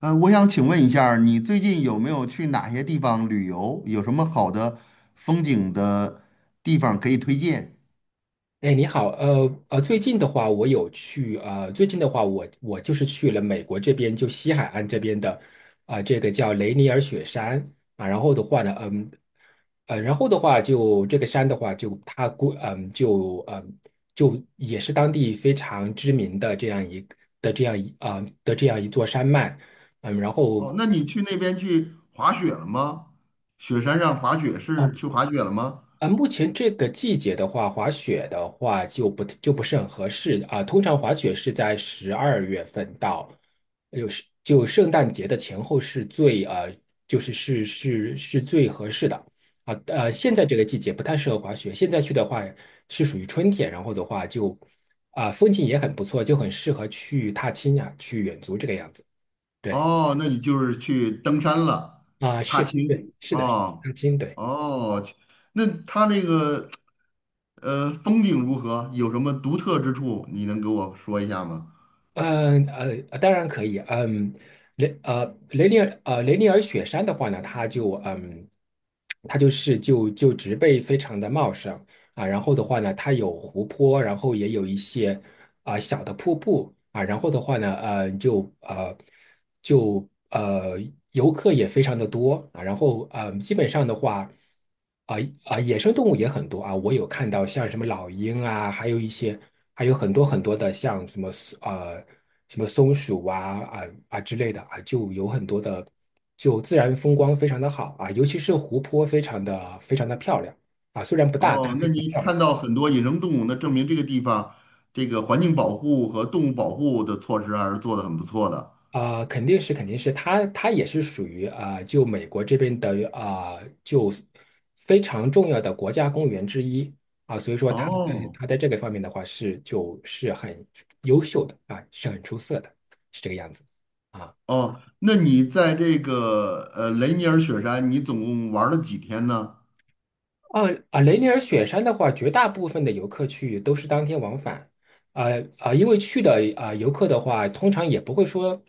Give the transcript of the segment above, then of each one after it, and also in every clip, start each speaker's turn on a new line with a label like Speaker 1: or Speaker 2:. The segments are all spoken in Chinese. Speaker 1: 我想请问一下儿你最近有没有去哪些地方旅游？有什么好的风景的地方可以推荐？
Speaker 2: 哎，你好，最近的话，我有去，最近的话我就是去了美国这边，就西海岸这边的，啊、这个叫雷尼尔雪山啊，然后的话呢，然后的话就这个山的话就，它估，嗯，就嗯就也是当地非常知名的这样一的这样一啊、的这样一座山脉，嗯，然后。
Speaker 1: 哦，那你去那边去滑雪了吗？雪山上滑雪是
Speaker 2: 哦。
Speaker 1: 去滑雪了吗？
Speaker 2: 啊，目前这个季节的话，滑雪的话就不是很合适啊。通常滑雪是在12月份到，就圣诞节的前后是就是最合适的啊。现在这个季节不太适合滑雪，现在去的话是属于春天，然后的话就啊，风景也很不错，就很适合去踏青呀、去远足这个样子。对
Speaker 1: 哦，那你就是去登山了，
Speaker 2: 啊，
Speaker 1: 踏
Speaker 2: 是
Speaker 1: 青。
Speaker 2: 对，是的，
Speaker 1: 哦，
Speaker 2: 踏青对。
Speaker 1: 哦，那它那个风景如何？有什么独特之处？你能给我说一下吗？
Speaker 2: 当然可以。嗯，雷尼尔雪山的话呢，它它就是植被非常的茂盛，啊，然后的话呢，它有湖泊，然后也有一些啊、小的瀑布啊，然后的话呢，呃，就呃就呃游客也非常的多啊，然后基本上的话。啊啊，野生动物也很多啊，我有看到像什么老鹰啊，还有一些，还有很多很多的像什么呃什么松鼠啊啊之类的啊，就有很多的，就自然风光非常的好啊，尤其是湖泊非常的非常的漂亮啊，虽然不大，
Speaker 1: 哦，那你看到很多野生动物，那证明这个地方这个环境保护和动物保护的措施还是做的很不错的。
Speaker 2: 啊、肯定是，肯定是，它也是属于啊、就美国这边的啊、就非常重要的国家公园之一啊、所以说它在
Speaker 1: 哦
Speaker 2: 它在这个方面的话是就是很优秀的啊，是很出色的，是这个样子啊。
Speaker 1: 哦，那你在这个雷尼尔雪山，你总共玩了几天呢？
Speaker 2: 啊啊，雷尼尔雪山的话，绝大部分的游客去都是当天往返，因为去的啊、游客的话，通常也不会说，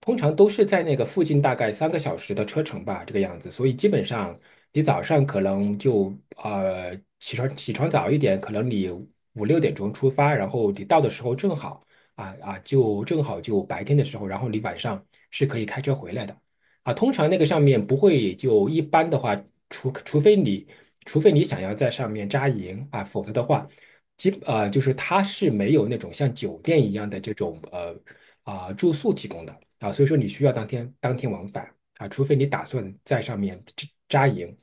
Speaker 2: 通常都是在那个附近大概三个小时的车程吧，这个样子，所以基本上你早上可能呃起床早一点，可能你5、6点钟出发，然后你到的时候正好就白天的时候，然后你晚上是可以开车回来的。啊，通常那个上面不会就一般的话，除除非你除非你想要在上面扎营啊，否则的话，就是它是没有那种像酒店一样的这种啊、住宿提供的啊，所以说你需要当天往返啊，除非你打算在上面扎营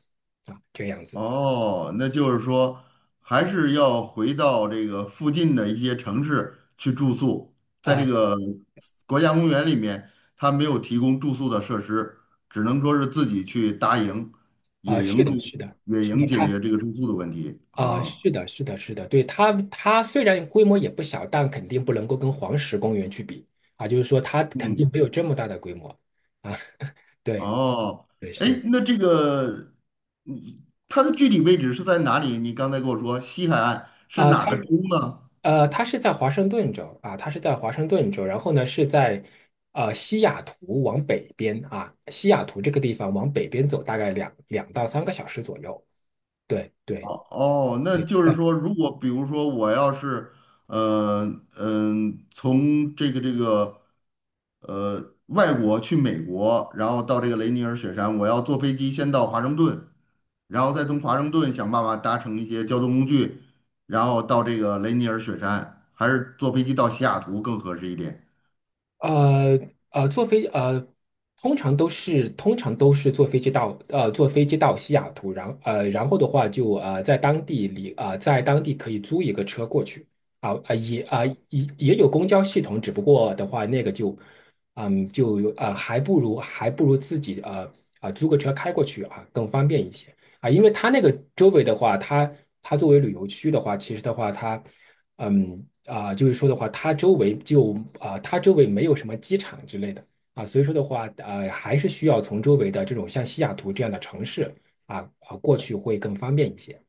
Speaker 2: 啊，这个样子
Speaker 1: 哦，那就是说，还是要回到这个附近的一些城市去住宿，在这
Speaker 2: 啊
Speaker 1: 个国家公园里面，它没有提供住宿的设施，只能说是自己去搭营、
Speaker 2: 啊，
Speaker 1: 野
Speaker 2: 是
Speaker 1: 营住、
Speaker 2: 的，是的，
Speaker 1: 野
Speaker 2: 是
Speaker 1: 营
Speaker 2: 的，
Speaker 1: 解
Speaker 2: 它
Speaker 1: 决这个住宿的问题
Speaker 2: 啊，
Speaker 1: 啊。
Speaker 2: 是的，是的，是的，对，它虽然规模也不小，但肯定不能够跟黄石公园去比啊，就是说它肯定没
Speaker 1: 嗯，
Speaker 2: 有这么大的规模啊。对，
Speaker 1: 哦，
Speaker 2: 对，
Speaker 1: 哎，
Speaker 2: 是
Speaker 1: 那这个，嗯它的具体位置是在哪里？你刚才跟我说西海岸是
Speaker 2: 啊，
Speaker 1: 哪个州呢？
Speaker 2: 它是在华盛顿州啊，它是在华盛顿州，然后呢是在西雅图往北边啊，西雅图这个地方往北边走大概两到三个小时左右。对，对，
Speaker 1: 哦哦，那
Speaker 2: 对，
Speaker 1: 就是说，如果比如说我要是，呃从这个外国去美国，然后到这个雷尼尔雪山，我要坐飞机先到华盛顿，然后再从华盛顿想办法搭乘一些交通工具，然后到这个雷尼尔雪山，还是坐飞机到西雅图更合适一点？
Speaker 2: 呃呃，坐飞呃，通常都是坐飞机到西雅图，然后的话就在当地可以租一个车过去啊啊、也啊、也有公交系统，只不过的话那个就有啊，还不如自己啊、租个车开过去啊更方便一些啊、因为它那个周围的话，它作为旅游区的话，其实的话它。就是说的话，它周围没有什么机场之类的啊，所以说的话，还是需要从周围的这种像西雅图这样的城市啊啊过去会更方便一些。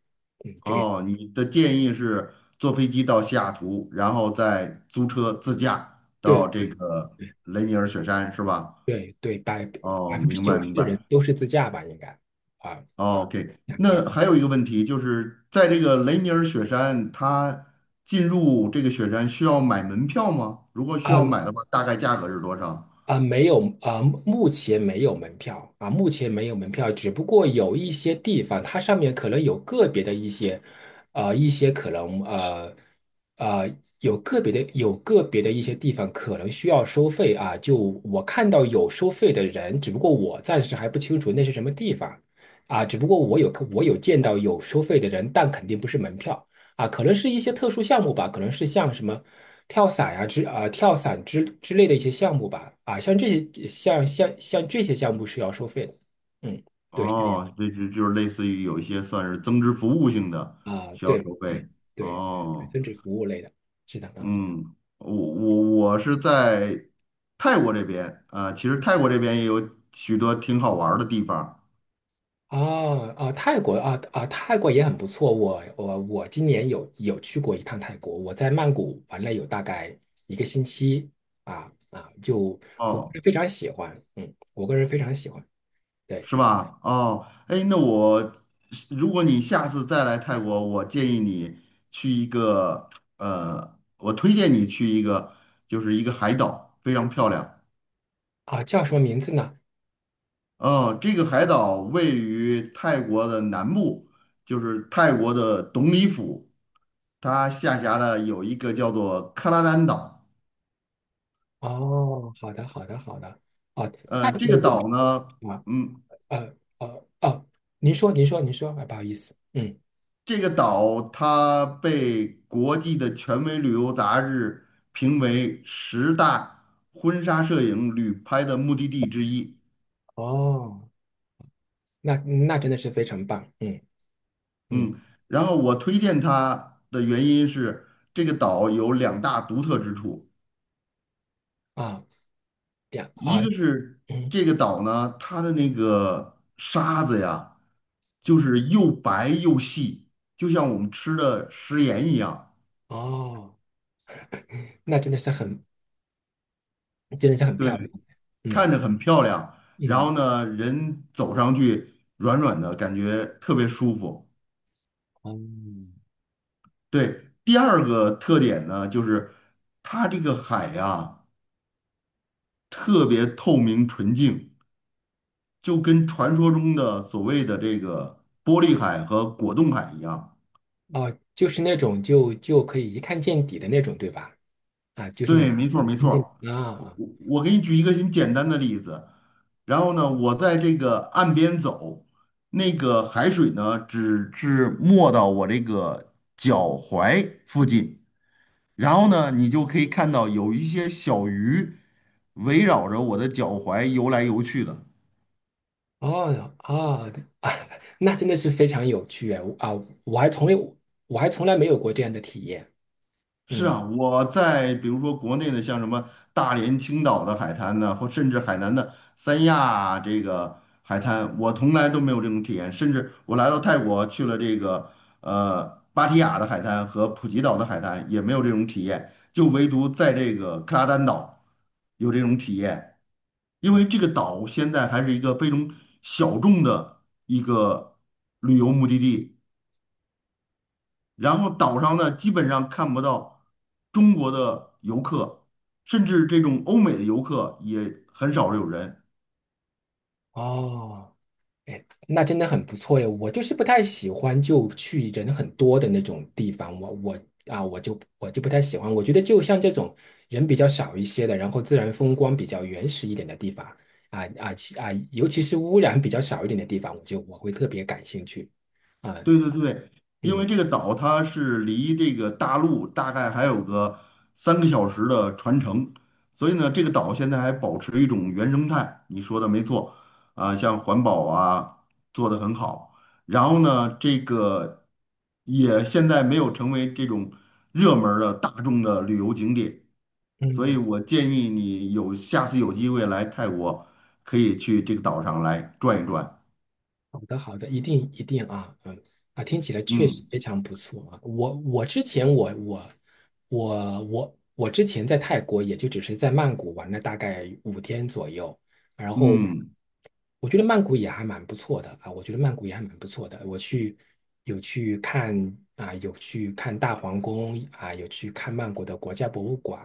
Speaker 2: 嗯，这个
Speaker 1: 哦，你的建议是坐飞机到西雅图，然后再租车自驾
Speaker 2: 对
Speaker 1: 到这
Speaker 2: 对
Speaker 1: 个雷尼尔雪山，是吧？
Speaker 2: 对对，百
Speaker 1: 哦，
Speaker 2: 百分之
Speaker 1: 明白
Speaker 2: 九十
Speaker 1: 明
Speaker 2: 的人
Speaker 1: 白。
Speaker 2: 都是自驾吧，应该啊，
Speaker 1: 哦 OK，
Speaker 2: 那应该。
Speaker 1: 那还有一个问题就是，在这个雷尼尔雪山，它进入这个雪山需要买门票吗？如果需要买
Speaker 2: 啊。
Speaker 1: 的话，大概价格是多少？
Speaker 2: 啊，没有啊，目前没有门票啊，目前没有门票，只不过有一些地方，它上面可能有个别的一些，呃，一些可能呃呃有个别的一些地方可能需要收费啊，就我看到有收费的人，只不过我暂时还不清楚那是什么地方啊，只不过我有见到有收费的人，但肯定不是门票啊，可能是一些特殊项目吧，可能是像什么跳伞呀、跳伞之类的一些项目吧，啊，像这些项目是要收费的，嗯，对，是这样
Speaker 1: 哦，这就是类似于有一些算是增值服务性的
Speaker 2: 啊，
Speaker 1: 需要
Speaker 2: 对
Speaker 1: 收
Speaker 2: 对
Speaker 1: 费。
Speaker 2: 对对对，
Speaker 1: 哦，
Speaker 2: 增值服务类的，是的啊。
Speaker 1: 嗯，我是在泰国这边啊，其实泰国这边也有许多挺好玩儿的地方。
Speaker 2: 哦哦，泰国啊啊，泰国也很不错。我今年有去过一趟泰国，我在曼谷玩了有大概一个星期啊啊，我不
Speaker 1: 哦
Speaker 2: 是非常喜欢，我个人非常喜欢。对
Speaker 1: 是吧？哦，哎，那我如果你下次再来泰国，我建议你去一个呃，我推荐你去一个，就是一个海岛，非常漂亮。
Speaker 2: 啊，叫什么名字呢？
Speaker 1: 哦，这个海岛位于泰国的南部，就是泰国的董里府，它下辖的有一个叫做克拉丹岛。
Speaker 2: 哦，好的，好的，好的。哦，泰
Speaker 1: 呃，这
Speaker 2: 国
Speaker 1: 个岛呢。
Speaker 2: 我啊，
Speaker 1: 嗯。
Speaker 2: 哦，您说，您说，您说，啊，不好意思，嗯，
Speaker 1: 这个岛它被国际的权威旅游杂志评为十大婚纱摄影旅拍的目的地之一。
Speaker 2: 哦，那真的是非常棒，嗯嗯
Speaker 1: 嗯，然后我推荐它的原因是，这个岛有两大独特之处，
Speaker 2: 啊，对啊，
Speaker 1: 一
Speaker 2: 啊
Speaker 1: 个是
Speaker 2: 嗯
Speaker 1: 这个岛呢，它的那个沙子呀，就是又白又细，就像我们吃的食盐一样。
Speaker 2: 哦，那真的是很，真的是很
Speaker 1: 对。
Speaker 2: 漂亮，
Speaker 1: 看
Speaker 2: 嗯
Speaker 1: 着很漂亮，然
Speaker 2: 嗯，
Speaker 1: 后呢，人走上去软软的，感觉特别舒服。
Speaker 2: 哦
Speaker 1: 对，第二个特点呢，就是它这个海呀，特别透明纯净，就跟传说中的所谓的这个玻璃海和果冻海一样。
Speaker 2: 哦，就是那种就可以一看见底的那种，对吧？啊，就是那
Speaker 1: 对，
Speaker 2: 种
Speaker 1: 没错儿
Speaker 2: 一
Speaker 1: 没
Speaker 2: 看
Speaker 1: 错儿。
Speaker 2: 见底
Speaker 1: 我
Speaker 2: 啊
Speaker 1: 我给你举一个很简单的例子，然后呢，我在这个岸边走，那个海水呢只是没到我这个脚踝附近，然后呢，你就可以看到有一些小鱼围绕着我的脚踝游来游去的。
Speaker 2: 哦哦，啊，那真的是非常有趣哎啊！我还从来我还从来没有过这样的体验。
Speaker 1: 是
Speaker 2: 嗯，
Speaker 1: 啊，我在比如说国内的，像什么大连、青岛的海滩呢，或甚至海南的三亚这个海滩，我从来都没有这种体验。甚至我来到泰国去了这个呃芭提雅的海滩和普吉岛的海滩，也没有这种体验，就唯独在这个克拉丹岛有这种体验。因为这个岛现在还是一个非常小众的一个旅游目的地。然后岛上呢，基本上看不到中国的游客，甚至这种欧美的游客也很少有人。
Speaker 2: 哦，哎，那真的很不错哎。我就是不太喜欢就去人很多的那种地方，我我啊，我就不太喜欢。我觉得就像这种人比较少一些的，然后自然风光比较原始一点的地方啊啊其啊，尤其是污染比较少一点的地方，我会特别感兴趣啊。
Speaker 1: 对对对，因
Speaker 2: 嗯
Speaker 1: 为这个岛它是离这个大陆大概还有个3个小时的船程，所以呢，这个岛现在还保持一种原生态。你说的没错，啊，像环保啊做得很好，然后呢，这个也现在没有成为这种热门儿的大众的旅游景点。所以
Speaker 2: 嗯。
Speaker 1: 我建议你有下次有机会来泰国，可以去这个岛上来转一转。
Speaker 2: 好的，好的，一定一定啊，嗯啊，听起来确实
Speaker 1: 嗯
Speaker 2: 非常不错啊。我我之前在泰国也就只是在曼谷玩了大概5天左右，然后
Speaker 1: 嗯
Speaker 2: 我觉得曼谷也还蛮不错的啊，我觉得曼谷也还蛮不错的。我去有去看啊，有去看大皇宫啊，有去看曼谷的国家博物馆，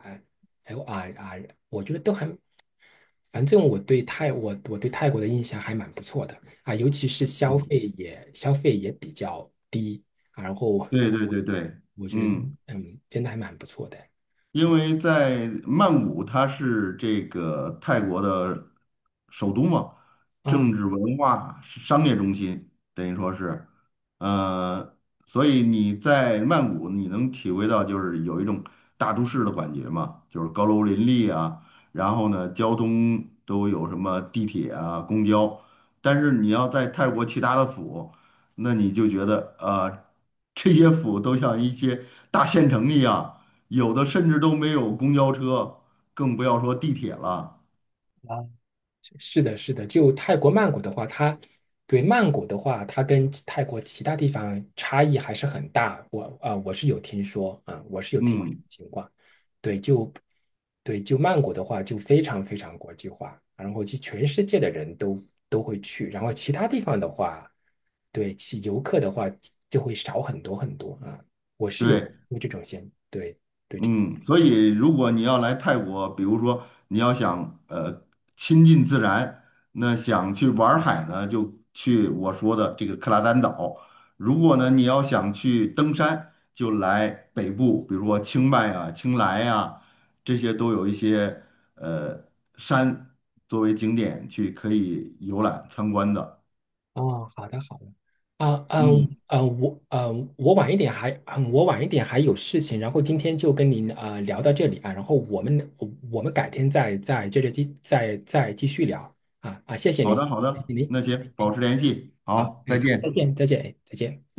Speaker 2: 还有啊啊，我觉得都还反正我对泰我我对泰国的印象还蛮不错的啊，尤其是消
Speaker 1: 嗯，
Speaker 2: 费也消费也比较低啊，然后
Speaker 1: 对对对对，
Speaker 2: 我觉得
Speaker 1: 嗯。
Speaker 2: 嗯，真的还蛮不错的
Speaker 1: 因为在曼谷，它是这个泰国的首都嘛，政
Speaker 2: 啊。
Speaker 1: 治文化是商业中心，等于说是，呃，所以你在曼谷，你能体会到就是有一种大都市的感觉嘛，就是高楼林立啊，然后呢，交通都有什么地铁啊、公交，但是你要在泰国其他的府，那你就觉得啊、这些府都像一些大县城一样。有的甚至都没有公交车，更不要说地铁了。
Speaker 2: 是的，是的，就泰国曼谷的话，曼谷的话，它跟泰国其他地方差异还是很大。我是有听说啊、我是有听说这种
Speaker 1: 嗯，
Speaker 2: 情况。对，就对，就曼谷的话，就非常非常国际化，然后就全世界的人都会去。然后其他地方的话，对其游客的话就会少很多很多啊、我是有
Speaker 1: 对，
Speaker 2: 这种现，对对
Speaker 1: 嗯，所以如果你要来泰国，比如说你要想亲近自然，那想去玩儿海呢，就去我说的这个克拉丹岛；如果呢你要想去登山，就来北部，比如说清迈啊、清莱啊，这些都有一些呃山作为景点去可以游览参观的。
Speaker 2: 哦，好的好的，啊嗯
Speaker 1: 嗯。
Speaker 2: 嗯，我晚一点还有事情，然后今天就跟您聊到这里啊，然后我们改天再再接着继再再继续聊啊啊，谢谢
Speaker 1: 好
Speaker 2: 您，
Speaker 1: 的，好
Speaker 2: 谢
Speaker 1: 的，
Speaker 2: 谢您，
Speaker 1: 那行，
Speaker 2: 哎
Speaker 1: 保持联系，
Speaker 2: 好
Speaker 1: 好，再
Speaker 2: 哎好，再
Speaker 1: 见。
Speaker 2: 见再见哎再见。